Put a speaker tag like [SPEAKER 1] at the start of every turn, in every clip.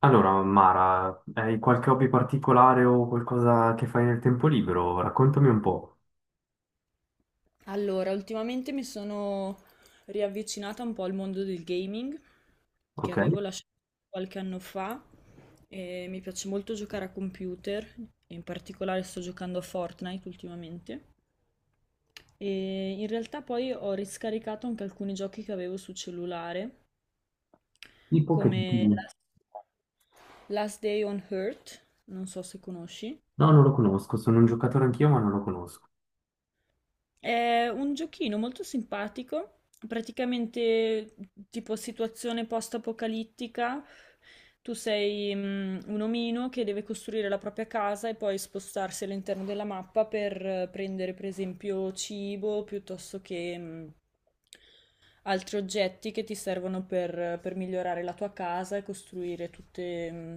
[SPEAKER 1] Allora, Mara, hai qualche hobby particolare o qualcosa che fai nel tempo libero? Raccontami un po',
[SPEAKER 2] Allora, ultimamente mi sono riavvicinata un po' al mondo del gaming che
[SPEAKER 1] ok?
[SPEAKER 2] avevo lasciato qualche anno fa e mi piace molto giocare a computer, e in particolare sto giocando a Fortnite ultimamente. E in realtà poi ho riscaricato anche alcuni giochi che avevo su cellulare,
[SPEAKER 1] Tipo che giochi-
[SPEAKER 2] come Last Day on Earth, non so se conosci.
[SPEAKER 1] No, non lo conosco, sono un giocatore anch'io, ma non lo conosco.
[SPEAKER 2] È un giochino molto simpatico, praticamente tipo situazione post-apocalittica. Tu sei un omino che deve costruire la propria casa e poi spostarsi all'interno della mappa per prendere, per esempio, cibo piuttosto che altri oggetti che ti servono per migliorare la tua casa e costruire tutte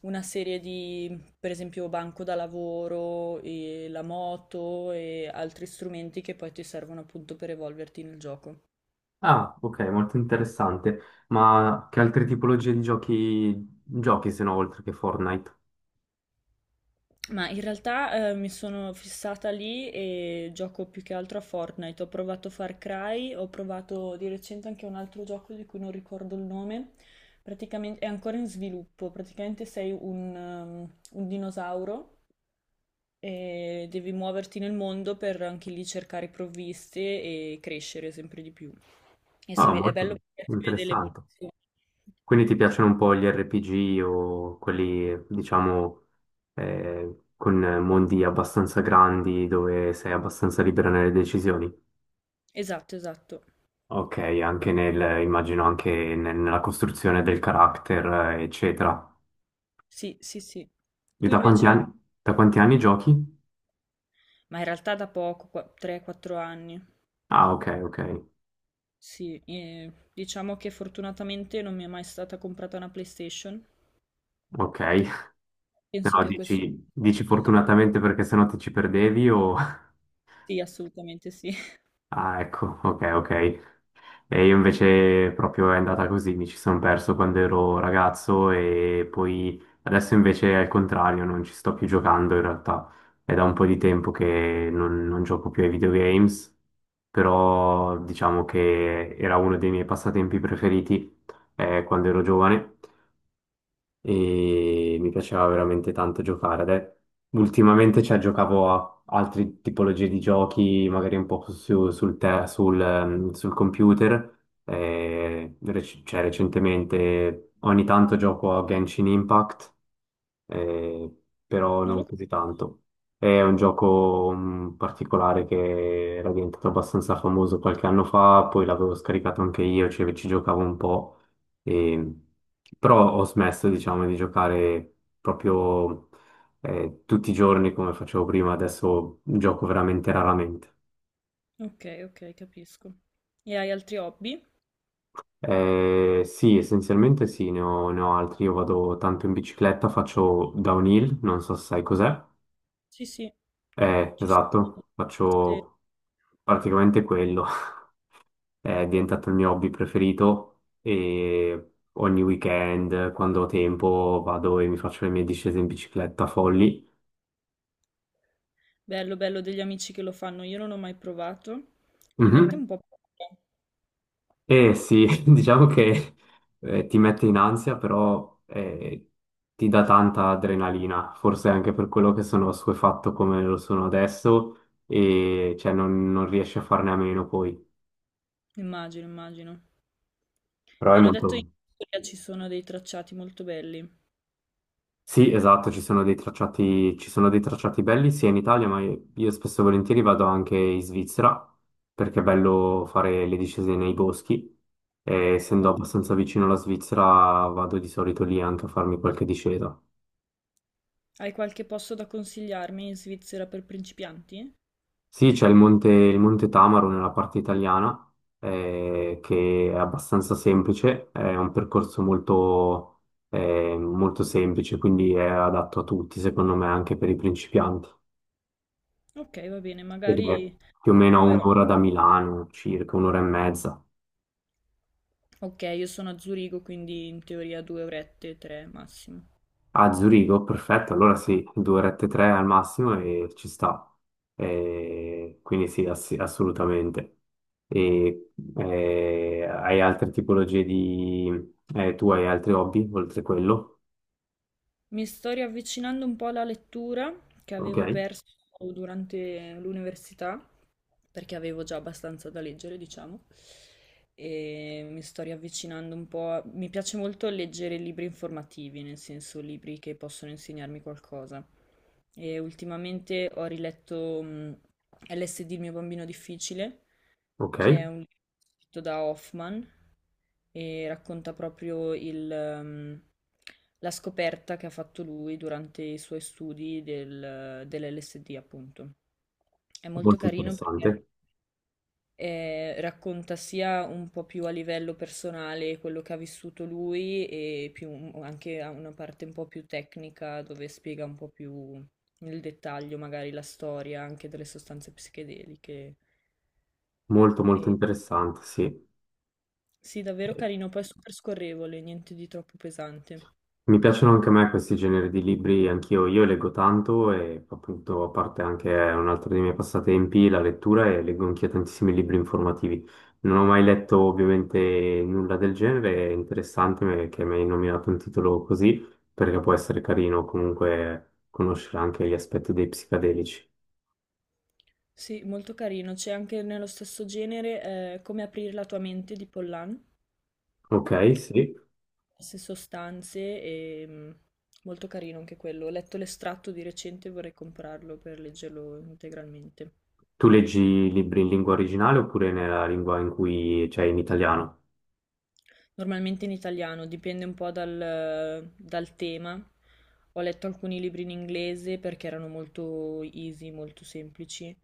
[SPEAKER 2] una serie di, per esempio, banco da lavoro, e la moto e altri strumenti che poi ti servono appunto per evolverti nel gioco.
[SPEAKER 1] Ah, ok, molto interessante. Ma che altre tipologie di giochi giochi se no, oltre che Fortnite?
[SPEAKER 2] Ma in realtà mi sono fissata lì e gioco più che altro a Fortnite. Ho provato Far Cry, ho provato di recente anche un altro gioco di cui non ricordo il nome. Praticamente è ancora in sviluppo, praticamente sei un, un dinosauro. E devi muoverti nel mondo per anche lì cercare provviste e crescere sempre di più. E
[SPEAKER 1] Ah,
[SPEAKER 2] è bello
[SPEAKER 1] molto
[SPEAKER 2] perché si vede
[SPEAKER 1] interessante.
[SPEAKER 2] l'evoluzione.
[SPEAKER 1] Quindi ti piacciono un po' gli RPG o quelli, diciamo, con mondi abbastanza grandi dove sei abbastanza libera nelle decisioni?
[SPEAKER 2] Esatto, esatto.
[SPEAKER 1] Ok, anche nel, immagino anche nella costruzione del carattere, eccetera.
[SPEAKER 2] Sì, sì, sì.
[SPEAKER 1] E
[SPEAKER 2] Tu
[SPEAKER 1] da quanti
[SPEAKER 2] invece hai...
[SPEAKER 1] anni, da quanti anni giochi?
[SPEAKER 2] Ma in realtà da poco, 3-4 anni.
[SPEAKER 1] Ah, ok, ok,
[SPEAKER 2] Sì, diciamo che fortunatamente non mi è mai stata comprata una PlayStation.
[SPEAKER 1] ok. Se
[SPEAKER 2] Penso
[SPEAKER 1] no
[SPEAKER 2] che a questo
[SPEAKER 1] dici,
[SPEAKER 2] punto...
[SPEAKER 1] dici fortunatamente perché sennò ti ci perdevi o...
[SPEAKER 2] Sì, assolutamente sì.
[SPEAKER 1] Ah, ecco, ok, ok. E io invece proprio è andata così, mi ci sono perso quando ero ragazzo e poi adesso invece è il contrario, non ci sto più giocando in realtà. È da un po' di tempo che non gioco più ai videogames, però diciamo che era uno dei miei passatempi preferiti quando ero giovane e mi piaceva veramente tanto giocare. Ultimamente cioè, giocavo a altre tipologie di giochi, magari un po' sul computer. E cioè, recentemente ogni tanto gioco a Genshin Impact, eh, però
[SPEAKER 2] Non lo...
[SPEAKER 1] non così tanto. È un gioco particolare che era diventato abbastanza famoso qualche anno fa, poi l'avevo scaricato anche io, cioè ci giocavo un po', e- però ho smesso, diciamo, di giocare proprio, tutti i giorni come facevo prima, adesso gioco veramente raramente.
[SPEAKER 2] Ok, ok, capisco. E hai altri hobby?
[SPEAKER 1] Sì, essenzialmente sì, ne ho altri. Io vado tanto in bicicletta, faccio downhill, non so se sai cos'è.
[SPEAKER 2] Sì, sì. Ci sono
[SPEAKER 1] Esatto,
[SPEAKER 2] eh,
[SPEAKER 1] faccio. Praticamente quello è diventato il mio hobby preferito e ogni weekend, quando ho tempo, vado e mi faccio le mie discese in bicicletta folli.
[SPEAKER 2] bello, bello degli amici che lo fanno, io non ho mai provato, mi mette
[SPEAKER 1] Mhm.
[SPEAKER 2] un po' paura,
[SPEAKER 1] E sì, diciamo che ti mette in ansia, però ti dà tanta adrenalina, forse anche per quello che sono assuefatto come lo sono adesso e cioè, non riesci a farne a meno poi.
[SPEAKER 2] immagino, immagino.
[SPEAKER 1] Però
[SPEAKER 2] Mi
[SPEAKER 1] è
[SPEAKER 2] hanno detto in
[SPEAKER 1] molto...
[SPEAKER 2] Italia ci sono dei tracciati molto belli.
[SPEAKER 1] Sì, esatto, ci sono dei tracciati belli sia in Italia, ma io spesso e volentieri vado anche in Svizzera, perché è bello fare le discese nei boschi. E essendo abbastanza vicino alla Svizzera, vado di solito lì anche a farmi qualche discesa.
[SPEAKER 2] Hai qualche posto da consigliarmi in Svizzera per principianti?
[SPEAKER 1] Sì, c'è il Monte Tamaro nella parte italiana, che è abbastanza semplice, è un percorso molto, molto semplice, quindi è adatto a tutti, secondo me, anche per i principianti.
[SPEAKER 2] Ok, va bene,
[SPEAKER 1] Ed è
[SPEAKER 2] magari
[SPEAKER 1] più o meno a
[SPEAKER 2] proverò.
[SPEAKER 1] un'ora da Milano, circa un'ora e mezza.
[SPEAKER 2] Ok, io sono a Zurigo, quindi in teoria 2 orette, 3 massimo.
[SPEAKER 1] A Zurigo, perfetto, allora sì, due orette e tre al massimo e ci sta. Quindi sì, assolutamente. E, hai altre tipologie di... Tu hai altri hobby oltre quello?
[SPEAKER 2] Mi sto riavvicinando un po' alla lettura che
[SPEAKER 1] Ok,
[SPEAKER 2] avevo perso durante l'università perché avevo già abbastanza da leggere, diciamo, e mi sto riavvicinando un po'. Mi piace molto leggere libri informativi, nel senso libri che possono insegnarmi qualcosa. E ultimamente ho riletto LSD, il mio bambino difficile,
[SPEAKER 1] ok,
[SPEAKER 2] che è un libro scritto da Hoffman e racconta proprio il, la scoperta che ha fatto lui durante i suoi studi dell'LSD, appunto. È molto
[SPEAKER 1] molto
[SPEAKER 2] carino perché
[SPEAKER 1] interessante,
[SPEAKER 2] racconta sia un po' più a livello personale quello che ha vissuto lui e più, anche a una parte un po' più tecnica dove spiega un po' più nel dettaglio magari la storia anche delle sostanze psichedeliche.
[SPEAKER 1] molto molto
[SPEAKER 2] E,
[SPEAKER 1] interessante, sì.
[SPEAKER 2] sì, davvero carino, poi è super scorrevole, niente di troppo pesante.
[SPEAKER 1] Mi piacciono anche a me questi generi di libri, anch'io io leggo tanto e appunto a parte anche un altro dei miei passatempi, la lettura e leggo anch'io tantissimi libri informativi. Non ho mai letto ovviamente nulla del genere, è interessante che mi hai nominato un titolo così perché può essere carino comunque conoscere anche gli aspetti dei psicadelici.
[SPEAKER 2] Sì, molto carino, c'è anche nello stesso genere Come aprire la tua mente di Pollan.
[SPEAKER 1] Ok, sì.
[SPEAKER 2] Diverse sostanze e molto carino anche quello. Ho letto l'estratto di recente e vorrei comprarlo per leggerlo integralmente.
[SPEAKER 1] Tu leggi libri in lingua originale oppure nella lingua in cui c'è in italiano?
[SPEAKER 2] Normalmente in italiano, dipende un po' dal tema. Ho letto alcuni libri in inglese perché erano molto easy, molto semplici,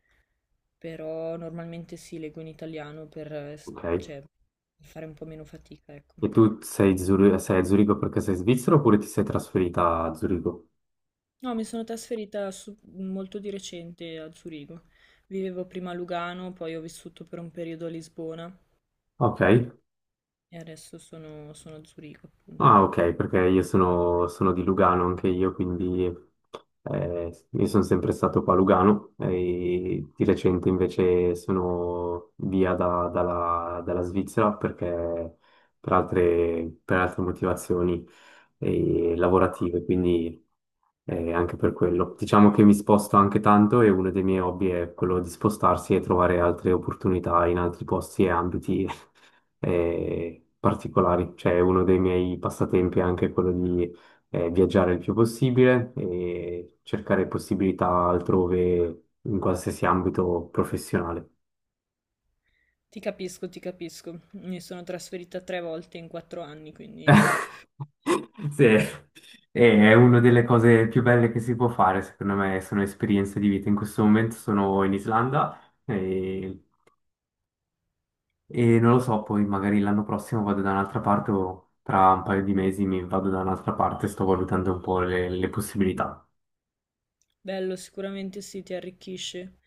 [SPEAKER 2] però normalmente sì, leggo in italiano per, eh, s-
[SPEAKER 1] Ok.
[SPEAKER 2] cioè, per fare un po' meno fatica, ecco.
[SPEAKER 1] E tu sei, sei a Zurigo perché sei svizzero oppure ti sei trasferita a Zurigo?
[SPEAKER 2] No, mi sono trasferita molto di recente a Zurigo. Vivevo prima a Lugano, poi ho vissuto per un periodo a Lisbona.
[SPEAKER 1] Ok.
[SPEAKER 2] E adesso sono a Zurigo, appunto.
[SPEAKER 1] Ah, ok, perché io sono di Lugano anche io, quindi io sono sempre stato qua a Lugano e di recente invece sono via dalla Svizzera perché per altre motivazioni lavorative, quindi anche per quello. Diciamo che mi sposto anche tanto e uno dei miei hobby è quello di spostarsi e trovare altre opportunità in altri posti e ambiti particolari. Cioè, uno dei miei passatempi è anche quello di viaggiare il più possibile e cercare possibilità altrove in qualsiasi ambito professionale.
[SPEAKER 2] Ti capisco, ti capisco. Mi sono trasferita 3 volte in 4 anni, quindi
[SPEAKER 1] Sì, è una delle cose più belle che si può fare, secondo me, sono esperienze di vita. In questo momento sono in Islanda e, e non lo so, poi magari l'anno prossimo vado da un'altra parte o tra un paio di mesi mi vado da un'altra parte, sto valutando un po' le possibilità.
[SPEAKER 2] bello, sicuramente sì, ti arricchisce.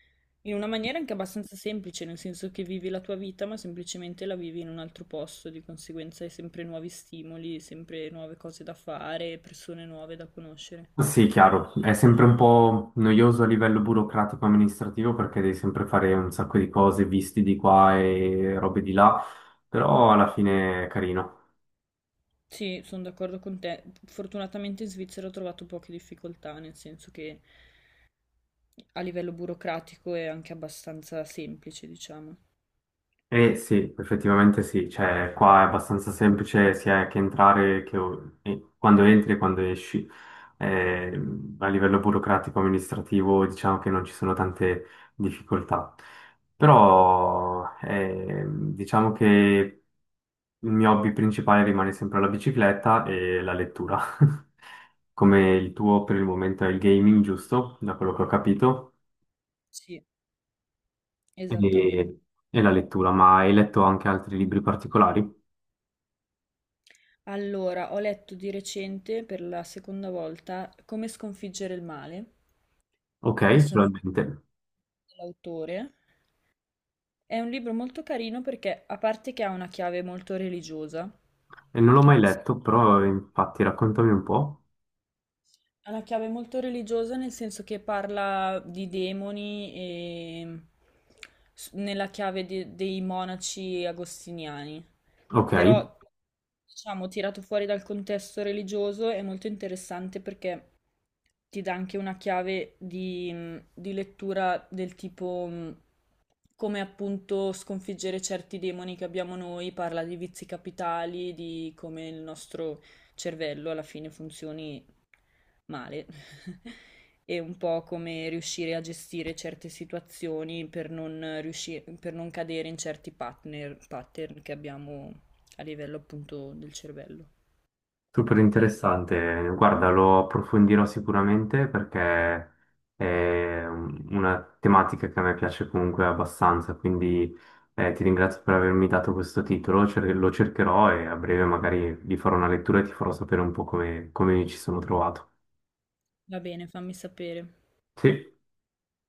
[SPEAKER 2] In una maniera anche abbastanza semplice, nel senso che vivi la tua vita, ma semplicemente la vivi in un altro posto, di conseguenza hai sempre nuovi stimoli, sempre nuove cose da fare, persone nuove da conoscere.
[SPEAKER 1] Sì, chiaro, è sempre un po' noioso a livello burocratico amministrativo perché devi sempre fare un sacco di cose, visti di qua e robe di là, però alla fine è carino.
[SPEAKER 2] Sì, sono d'accordo con te. Fortunatamente in Svizzera ho trovato poche difficoltà, nel senso che a livello burocratico è anche abbastanza semplice, diciamo.
[SPEAKER 1] E sì, effettivamente sì, cioè qua è abbastanza semplice sia che entrare che e quando entri e quando esci. Eh, a livello burocratico amministrativo diciamo che non ci sono tante difficoltà, però diciamo che il mio hobby principale rimane sempre la bicicletta e la lettura. Come il tuo per il momento è il gaming, giusto? Da quello che ho capito.
[SPEAKER 2] Sì, esattamente.
[SPEAKER 1] E, e, la lettura, ma hai letto anche altri libri particolari?
[SPEAKER 2] Allora, ho letto di recente per la seconda volta Come sconfiggere il male.
[SPEAKER 1] Ok,
[SPEAKER 2] Adesso non ricordo
[SPEAKER 1] solamente.
[SPEAKER 2] l'autore. È un libro molto carino perché, a parte che ha una chiave molto religiosa,
[SPEAKER 1] E non l'ho mai
[SPEAKER 2] nel...
[SPEAKER 1] letto, però infatti raccontami un po'.
[SPEAKER 2] Ha la chiave molto religiosa nel senso che parla di demoni e nella chiave dei monaci agostiniani.
[SPEAKER 1] Ok.
[SPEAKER 2] Però, diciamo, tirato fuori dal contesto religioso è molto interessante perché ti dà anche una chiave di lettura del tipo come appunto sconfiggere certi demoni che abbiamo noi, parla di vizi capitali, di come il nostro cervello alla fine funzioni male. È un po' come riuscire a gestire certe situazioni per non riusci- per non cadere in certi pattern che abbiamo a livello appunto del cervello.
[SPEAKER 1] Super interessante, guarda, lo approfondirò sicuramente perché è una tematica che a me piace comunque abbastanza, quindi ti ringrazio per avermi dato questo titolo, lo cercherò e a breve magari vi farò una lettura e ti farò sapere un po' come mi ci sono trovato.
[SPEAKER 2] Va bene, fammi sapere.
[SPEAKER 1] Sì.